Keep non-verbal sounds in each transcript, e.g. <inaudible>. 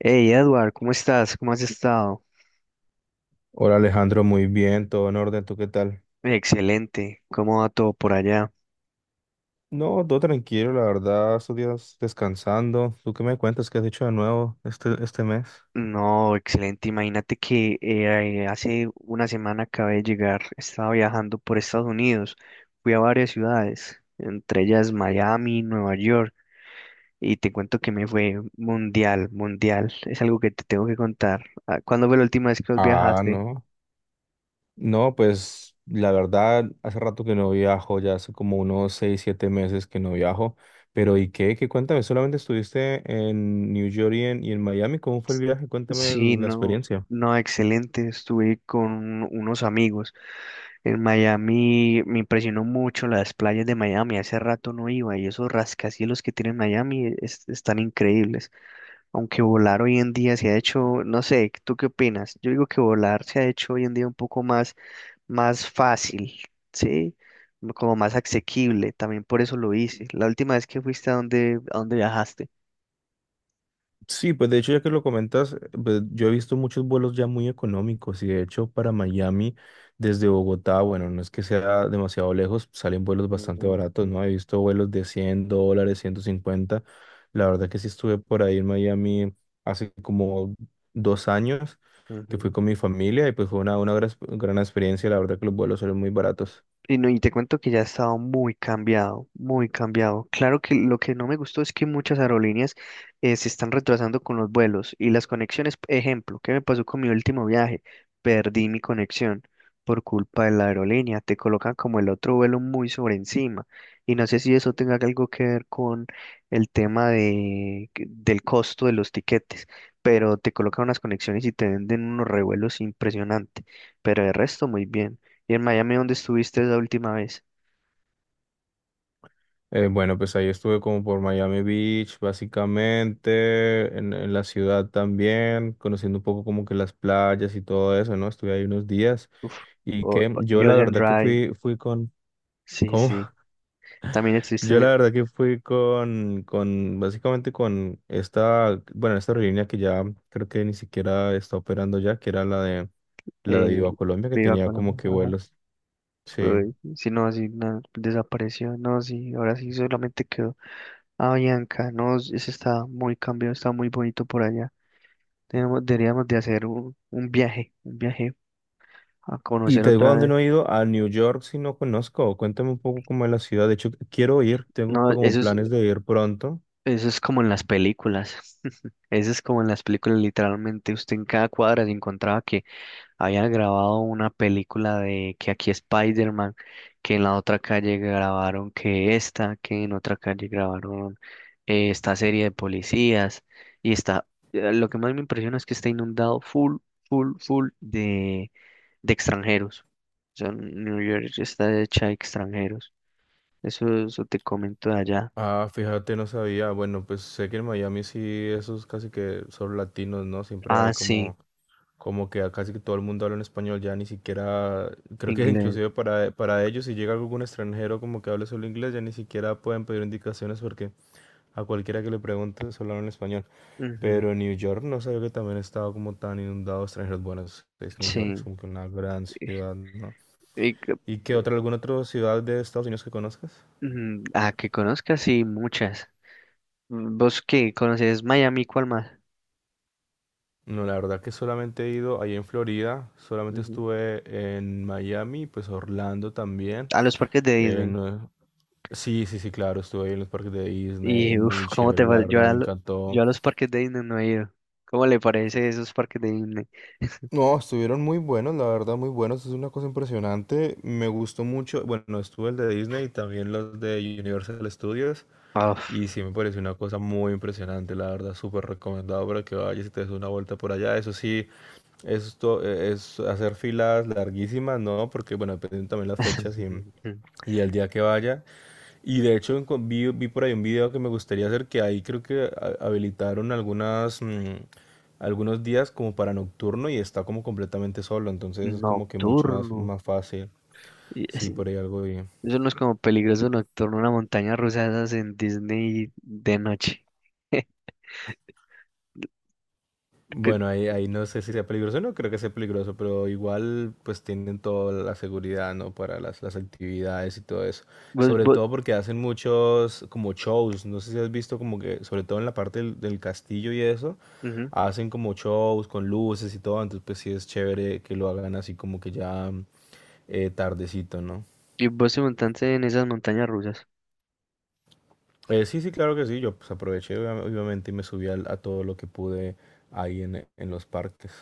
Hey Edward, ¿cómo estás? ¿Cómo has estado? Hola Alejandro, muy bien, todo en orden, ¿tú qué tal? Excelente, ¿cómo va todo por allá? No, todo tranquilo, la verdad, estos días descansando. ¿Tú qué me cuentas? ¿Qué has hecho de nuevo este mes? No, excelente, imagínate que hace una semana acabé de llegar, estaba viajando por Estados Unidos, fui a varias ciudades, entre ellas Miami, Nueva York, y te cuento que me fue mundial, mundial, es algo que te tengo que contar. Ah, ¿cuándo fue la última vez que vos Ah, viajaste? no. No, pues la verdad, hace rato que no viajo, ya hace como unos seis, siete meses que no viajo. Pero ¿y qué? ¿Qué cuéntame? ¿Solamente estuviste en New York y en Miami? ¿Cómo fue el viaje? Cuéntame Sí, la no, experiencia. no, excelente, estuve con unos amigos. En Miami me impresionó mucho las playas de Miami, hace rato no iba y esos rascacielos que tiene Miami están increíbles, aunque volar hoy en día se ha hecho, no sé, ¿tú qué opinas? Yo digo que volar se ha hecho hoy en día un poco más fácil, ¿sí? Como más asequible, también por eso lo hice. La última vez que fuiste a dónde viajaste. Sí, pues de hecho, ya que lo comentas, pues, yo he visto muchos vuelos ya muy económicos y de hecho para Miami desde Bogotá, bueno, no es que sea demasiado lejos, salen vuelos bastante Ujú, baratos, ¿no? He visto vuelos de $100, 150. La verdad que sí estuve por ahí en Miami hace como 2 años que fui ujú. con mi familia y pues fue una gran, gran experiencia. La verdad que los vuelos salen muy baratos. Y, no, y te cuento que ya ha estado muy cambiado, muy cambiado. Claro que lo que no me gustó es que muchas aerolíneas se están retrasando con los vuelos y las conexiones. Ejemplo, ¿qué me pasó con mi último viaje? Perdí mi conexión por culpa de la aerolínea. Te colocan como el otro vuelo muy sobre encima. Y no sé si eso tenga algo que ver con el tema del costo de los tiquetes, pero te colocan unas conexiones y te venden unos revuelos impresionantes. Pero de resto, muy bien. ¿Y en Miami dónde estuviste la última vez? Bueno, pues ahí estuve como por Miami Beach, básicamente, en la ciudad también, conociendo un poco como que las playas y todo eso, ¿no? Estuve ahí unos días Uf, y o, que o- yo la Ocean verdad que Drive. fui con, Sí, ¿cómo? sí. <laughs> También Yo la estuviste verdad que fui con básicamente con esta, bueno, esta aerolínea que ya creo que ni siquiera está operando ya, que era la de eh, Viva Colombia, que Viva tenía Colombia. como que Ajá. vuelos, sí. Uy, sí, no, sí, no, desapareció. No, sí, ahora sí solamente quedó Avianca. No, ese está muy cambiado, está muy bonito por allá. Deberíamos de hacer un viaje, un viaje a Y conocer te digo a otra dónde vez. no he ido, a New York si no conozco. Cuéntame un poco cómo es la ciudad. De hecho, quiero ir, tengo No, como planes de ir pronto. eso es como en las películas. <laughs> Eso es como en las películas, literalmente. Usted en cada cuadra se encontraba que habían grabado una película de que aquí Spider-Man, que en la otra calle grabaron que en otra calle grabaron esta serie de policías. Y está, lo que más me impresiona es que está inundado full, full, full de extranjeros. O sea, New York está hecha de extranjeros. Eso te comento de allá. Ah, fíjate, no sabía. Bueno, pues sé que en Miami sí, esos casi que son latinos, ¿no? Siempre Ah, hay sí, como, como que a casi que todo el mundo habla en español, ya ni siquiera, creo que inglés. inclusive para ellos, si llega algún extranjero como que hable solo inglés, ya ni siquiera pueden pedir indicaciones porque a cualquiera que le pregunte, solo hablan español. Ujú, Pero en New York no sabía que también estaba como tan inundado de extranjeros. Bueno, es New York, es sí. como que una gran ciudad, ¿no? Y que- ¿Y qué otra, alguna otra ciudad de Estados Unidos que conozcas? Ujú, ah, que conozcas, sí, muchas. ¿Vos qué? ¿Conoces Miami? ¿Cuál más? No, la verdad que solamente he ido ahí en Florida, solamente Ujú. estuve en Miami, pues Orlando también. A los parques de eh, Disney. no- sí, sí, sí, claro, estuve ahí en los parques de Disney, Y uff, muy ¿cómo te chévere, la parece? Verdad me Yo encantó. a los parques de Disney no he ido. ¿Cómo le parece esos parques de Disney? No, estuvieron muy buenos, la verdad, muy buenos. Es una cosa impresionante. Me gustó mucho. Bueno, estuvo el de Disney y también los de Universal Studios. Ah, uf. Y sí me pareció una cosa muy impresionante, la verdad, súper recomendado para que vayas y te des una vuelta por allá. Eso sí, esto es hacer filas larguísimas, ¿no? Porque, bueno, dependen también las fechas <laughs> y el día que vayas. Y de hecho vi por ahí un video que me gustaría hacer, que ahí creo que habilitaron algunas, algunos días como para nocturno y está como completamente solo, entonces es como que mucho más, Nocturno. más fácil. Y Sí, es- por ahí algo bien. Eso no es como peligroso nocturno, una montaña rusa de esas en Disney de noche. Que- Bueno, ahí no sé si sea peligroso, no creo que sea peligroso, pero igual pues tienen toda la seguridad, ¿no? Para las actividades y todo eso. Vos, Sobre vos, todo porque hacen muchos como shows, no sé si has visto como que, sobre todo en la parte del castillo y eso ujú. hacen como shows con luces y todo, entonces pues sí es chévere que lo hagan así como que ya tardecito, ¿no? Y vos te montaste en esas montañas rusas. Sí, sí, claro que sí, yo pues obviamente y a todo lo que pude ahí en los parques.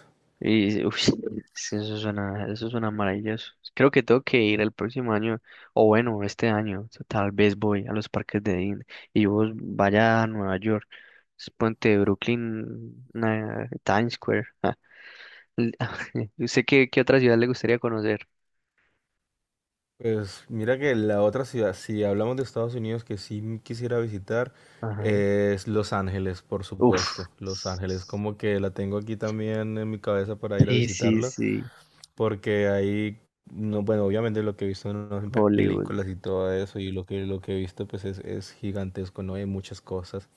Y, uy, sí, sí, eso suena maravilloso. Creo que tengo que ir el próximo año, o bueno, este año, tal vez voy a los parques de Disney y vos vaya a Nueva York, es puente de Brooklyn, Times Square. L- <laughs> ¿Usted qué otra ciudad le gustaría conocer? Pues mira que la otra ciudad, si hablamos de Estados Unidos, que sí quisiera visitar, Ajá. Es Los Ángeles, por Uf. supuesto. Los Ángeles, como que la tengo aquí también en mi cabeza para ir a Sí, sí, visitarla. sí. Porque ahí, no, bueno, obviamente lo que he visto en Hollywood. películas y todo eso, y lo que he visto pues es gigantesco, ¿no? Hay muchas cosas.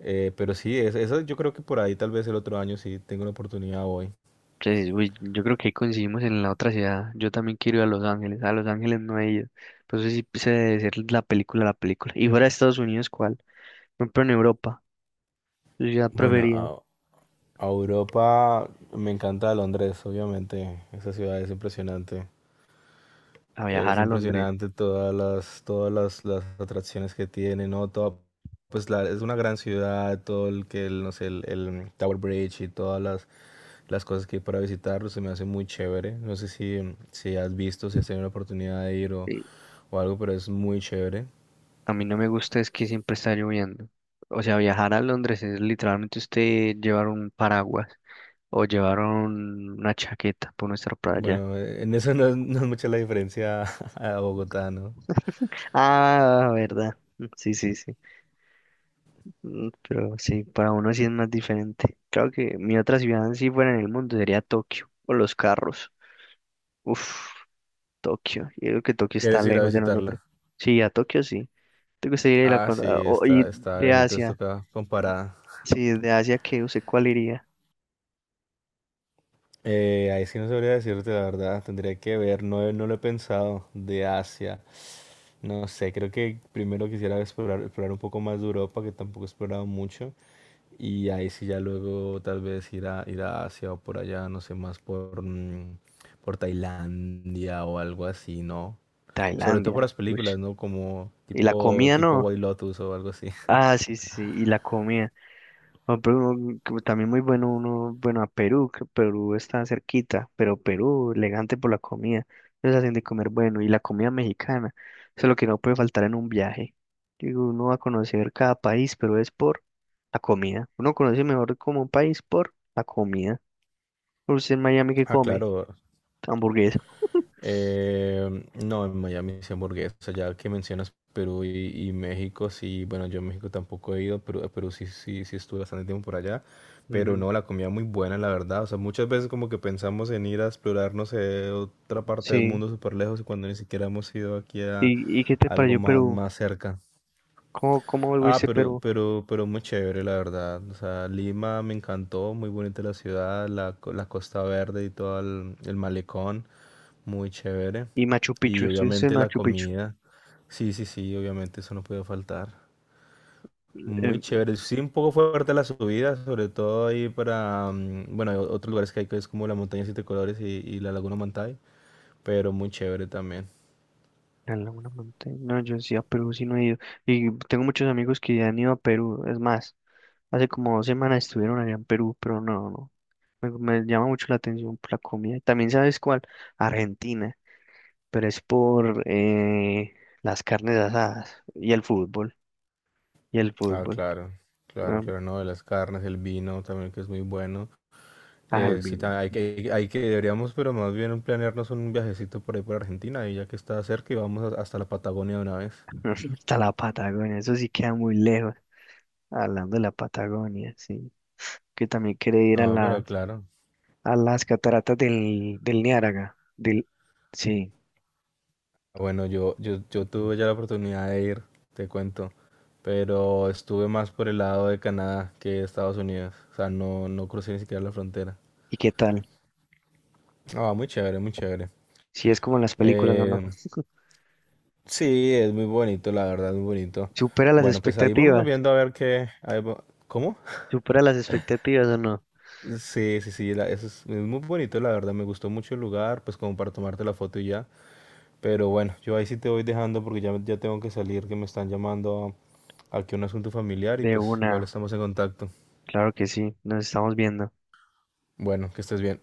Pero sí, es, eso yo creo que por ahí tal vez el otro año sí tengo la oportunidad hoy. Entonces, uy, yo creo que ahí coincidimos en la otra ciudad. Yo también quiero ir a Los Ángeles. A Los Ángeles no he ido. Pues eso sí se debe ser la película, la película. Y fuera de Estados Unidos, ¿cuál? Por ejemplo, en Europa. Yo ya Bueno, prefería a Europa me encanta Londres, obviamente, esa ciudad es impresionante. a viajar Es a Londres. impresionante todas las atracciones que tiene, ¿no? Toda, pues la, es una gran ciudad, todo el que, el, no sé, el Tower Bridge y las cosas que hay para visitar, pues, se me hace muy chévere. No sé si, Si has visto, si has tenido la oportunidad de ir Sí, o algo, pero es muy chévere. a mí no me gusta es que siempre está lloviendo. O sea, viajar a Londres es literalmente usted llevar un paraguas o llevar una chaqueta por no estar para allá. Bueno, en eso <laughs> no es mucha la diferencia <laughs> a Bogotá, ¿no? Ah, verdad. Sí, sí, sí. Pero sí, para uno sí es más diferente. Claro que mi otra ciudad, si fuera en el mundo, sería Tokio, o los carros. Uf, Tokio. Yo creo que Tokio está ¿Quieres ir a lejos de nosotros. visitarla? Sí, a Tokio sí. ¿Te gustaría ir a Ah, cu- sí, a- o- y está de lejito, esto Asia? acá comparada. Sí, de Asia, ¿qué? ¿Usted cuál iría? Ahí sí no sabría decirte la verdad, tendría que ver, no, no lo he pensado, de Asia. No sé, creo que primero quisiera explorar, explorar un poco más de Europa, que tampoco he explorado mucho, y ahí sí ya luego tal vez ir ir a Asia o por allá, no sé, más por, por Tailandia o algo así, ¿no? Sobre todo por Tailandia. las Ush. películas, ¿no? Como Y la tipo, comida tipo no. White Lotus o algo así. <laughs> Ah, sí, sí, sí, y la comida. Ah, pero que también muy bueno, uno, bueno, a Perú, que Perú está cerquita, pero Perú, elegante por la comida, ellos hacen de comer bueno, y la comida mexicana, eso es lo que no puede faltar en un viaje. Digo, uno va a conocer cada país, pero es por la comida. Uno conoce mejor como un país por la comida. Usted en Miami, ¿qué Ah, come? claro. Hamburguesa. No, en Miami sí hamburguesa, ya que mencionas Perú y México, sí, bueno, yo a México tampoco he ido, pero a Perú sí, sí, sí estuve bastante tiempo por allá, pero Ujú, no, la comida muy buena, la verdad, o sea, muchas veces como que pensamos en ir a explorar, no sé, otra parte del sí. mundo súper lejos y cuando ni siquiera hemos ido aquí a ¿Y qué te algo pareció más, Perú? más cerca. ¿Cómo Ah, viste Perú? Pero muy chévere, la verdad. O sea, Lima me encantó, muy bonita la ciudad, la Costa Verde y todo el malecón, muy chévere. Y Machu Picchu, Y ¿estuviste en obviamente la Machu Picchu? comida. Sí, sí, sí, obviamente eso no puede faltar. Eh, Muy chévere. Sí, un poco fuerte la subida, sobre todo ahí para, bueno, hay otros lugares que hay que es como la montaña Siete Colores y la Laguna Mantay, pero muy chévere también. A Laguna Montaña. No, yo sí a Perú sí no he ido. Y tengo muchos amigos que han ido a Perú. Es más, hace como 2 semanas estuvieron allá en Perú, pero no, no. Me llama mucho la atención por la comida. También sabes cuál, Argentina, pero es por las carnes asadas y el fútbol. Y el Ah, fútbol. claro, claro, No, claro, no, de las carnes, el vino también que es muy bueno. Sí, Alvin. Deberíamos, pero más bien planearnos un viajecito por ahí por Argentina, y ya que está cerca y hasta la Patagonia de una vez. <laughs> Hasta la Patagonia. Eso sí queda muy lejos. Hablando de la Patagonia, sí. Que también quiere ir a No, pero las, claro. Cataratas del Niágara. Del, sí. Bueno, yo tuve ya la oportunidad de ir, te cuento, pero estuve más por el lado de Canadá que de Estados Unidos. O sea, no crucé ni siquiera la frontera. ¿Y qué tal? Ah, muy chévere, muy chévere. Si es como en las películas, ¿o no? Eh, <laughs> sí, es muy bonito, la verdad, muy bonito. ¿Supera las Bueno, pues ahí vamos expectativas? viendo a ver qué... ¿Cómo? ¿Supera las expectativas o no? Sí, sí, sí, eso es muy bonito, la verdad, me gustó mucho el lugar, pues como para tomarte la foto y ya. Pero bueno, yo ahí sí te voy dejando porque ya, ya tengo que salir, que me están llamando aquí a un asunto familiar y De pues igual una, estamos en contacto. claro que sí, nos estamos viendo. Bueno, que estés bien.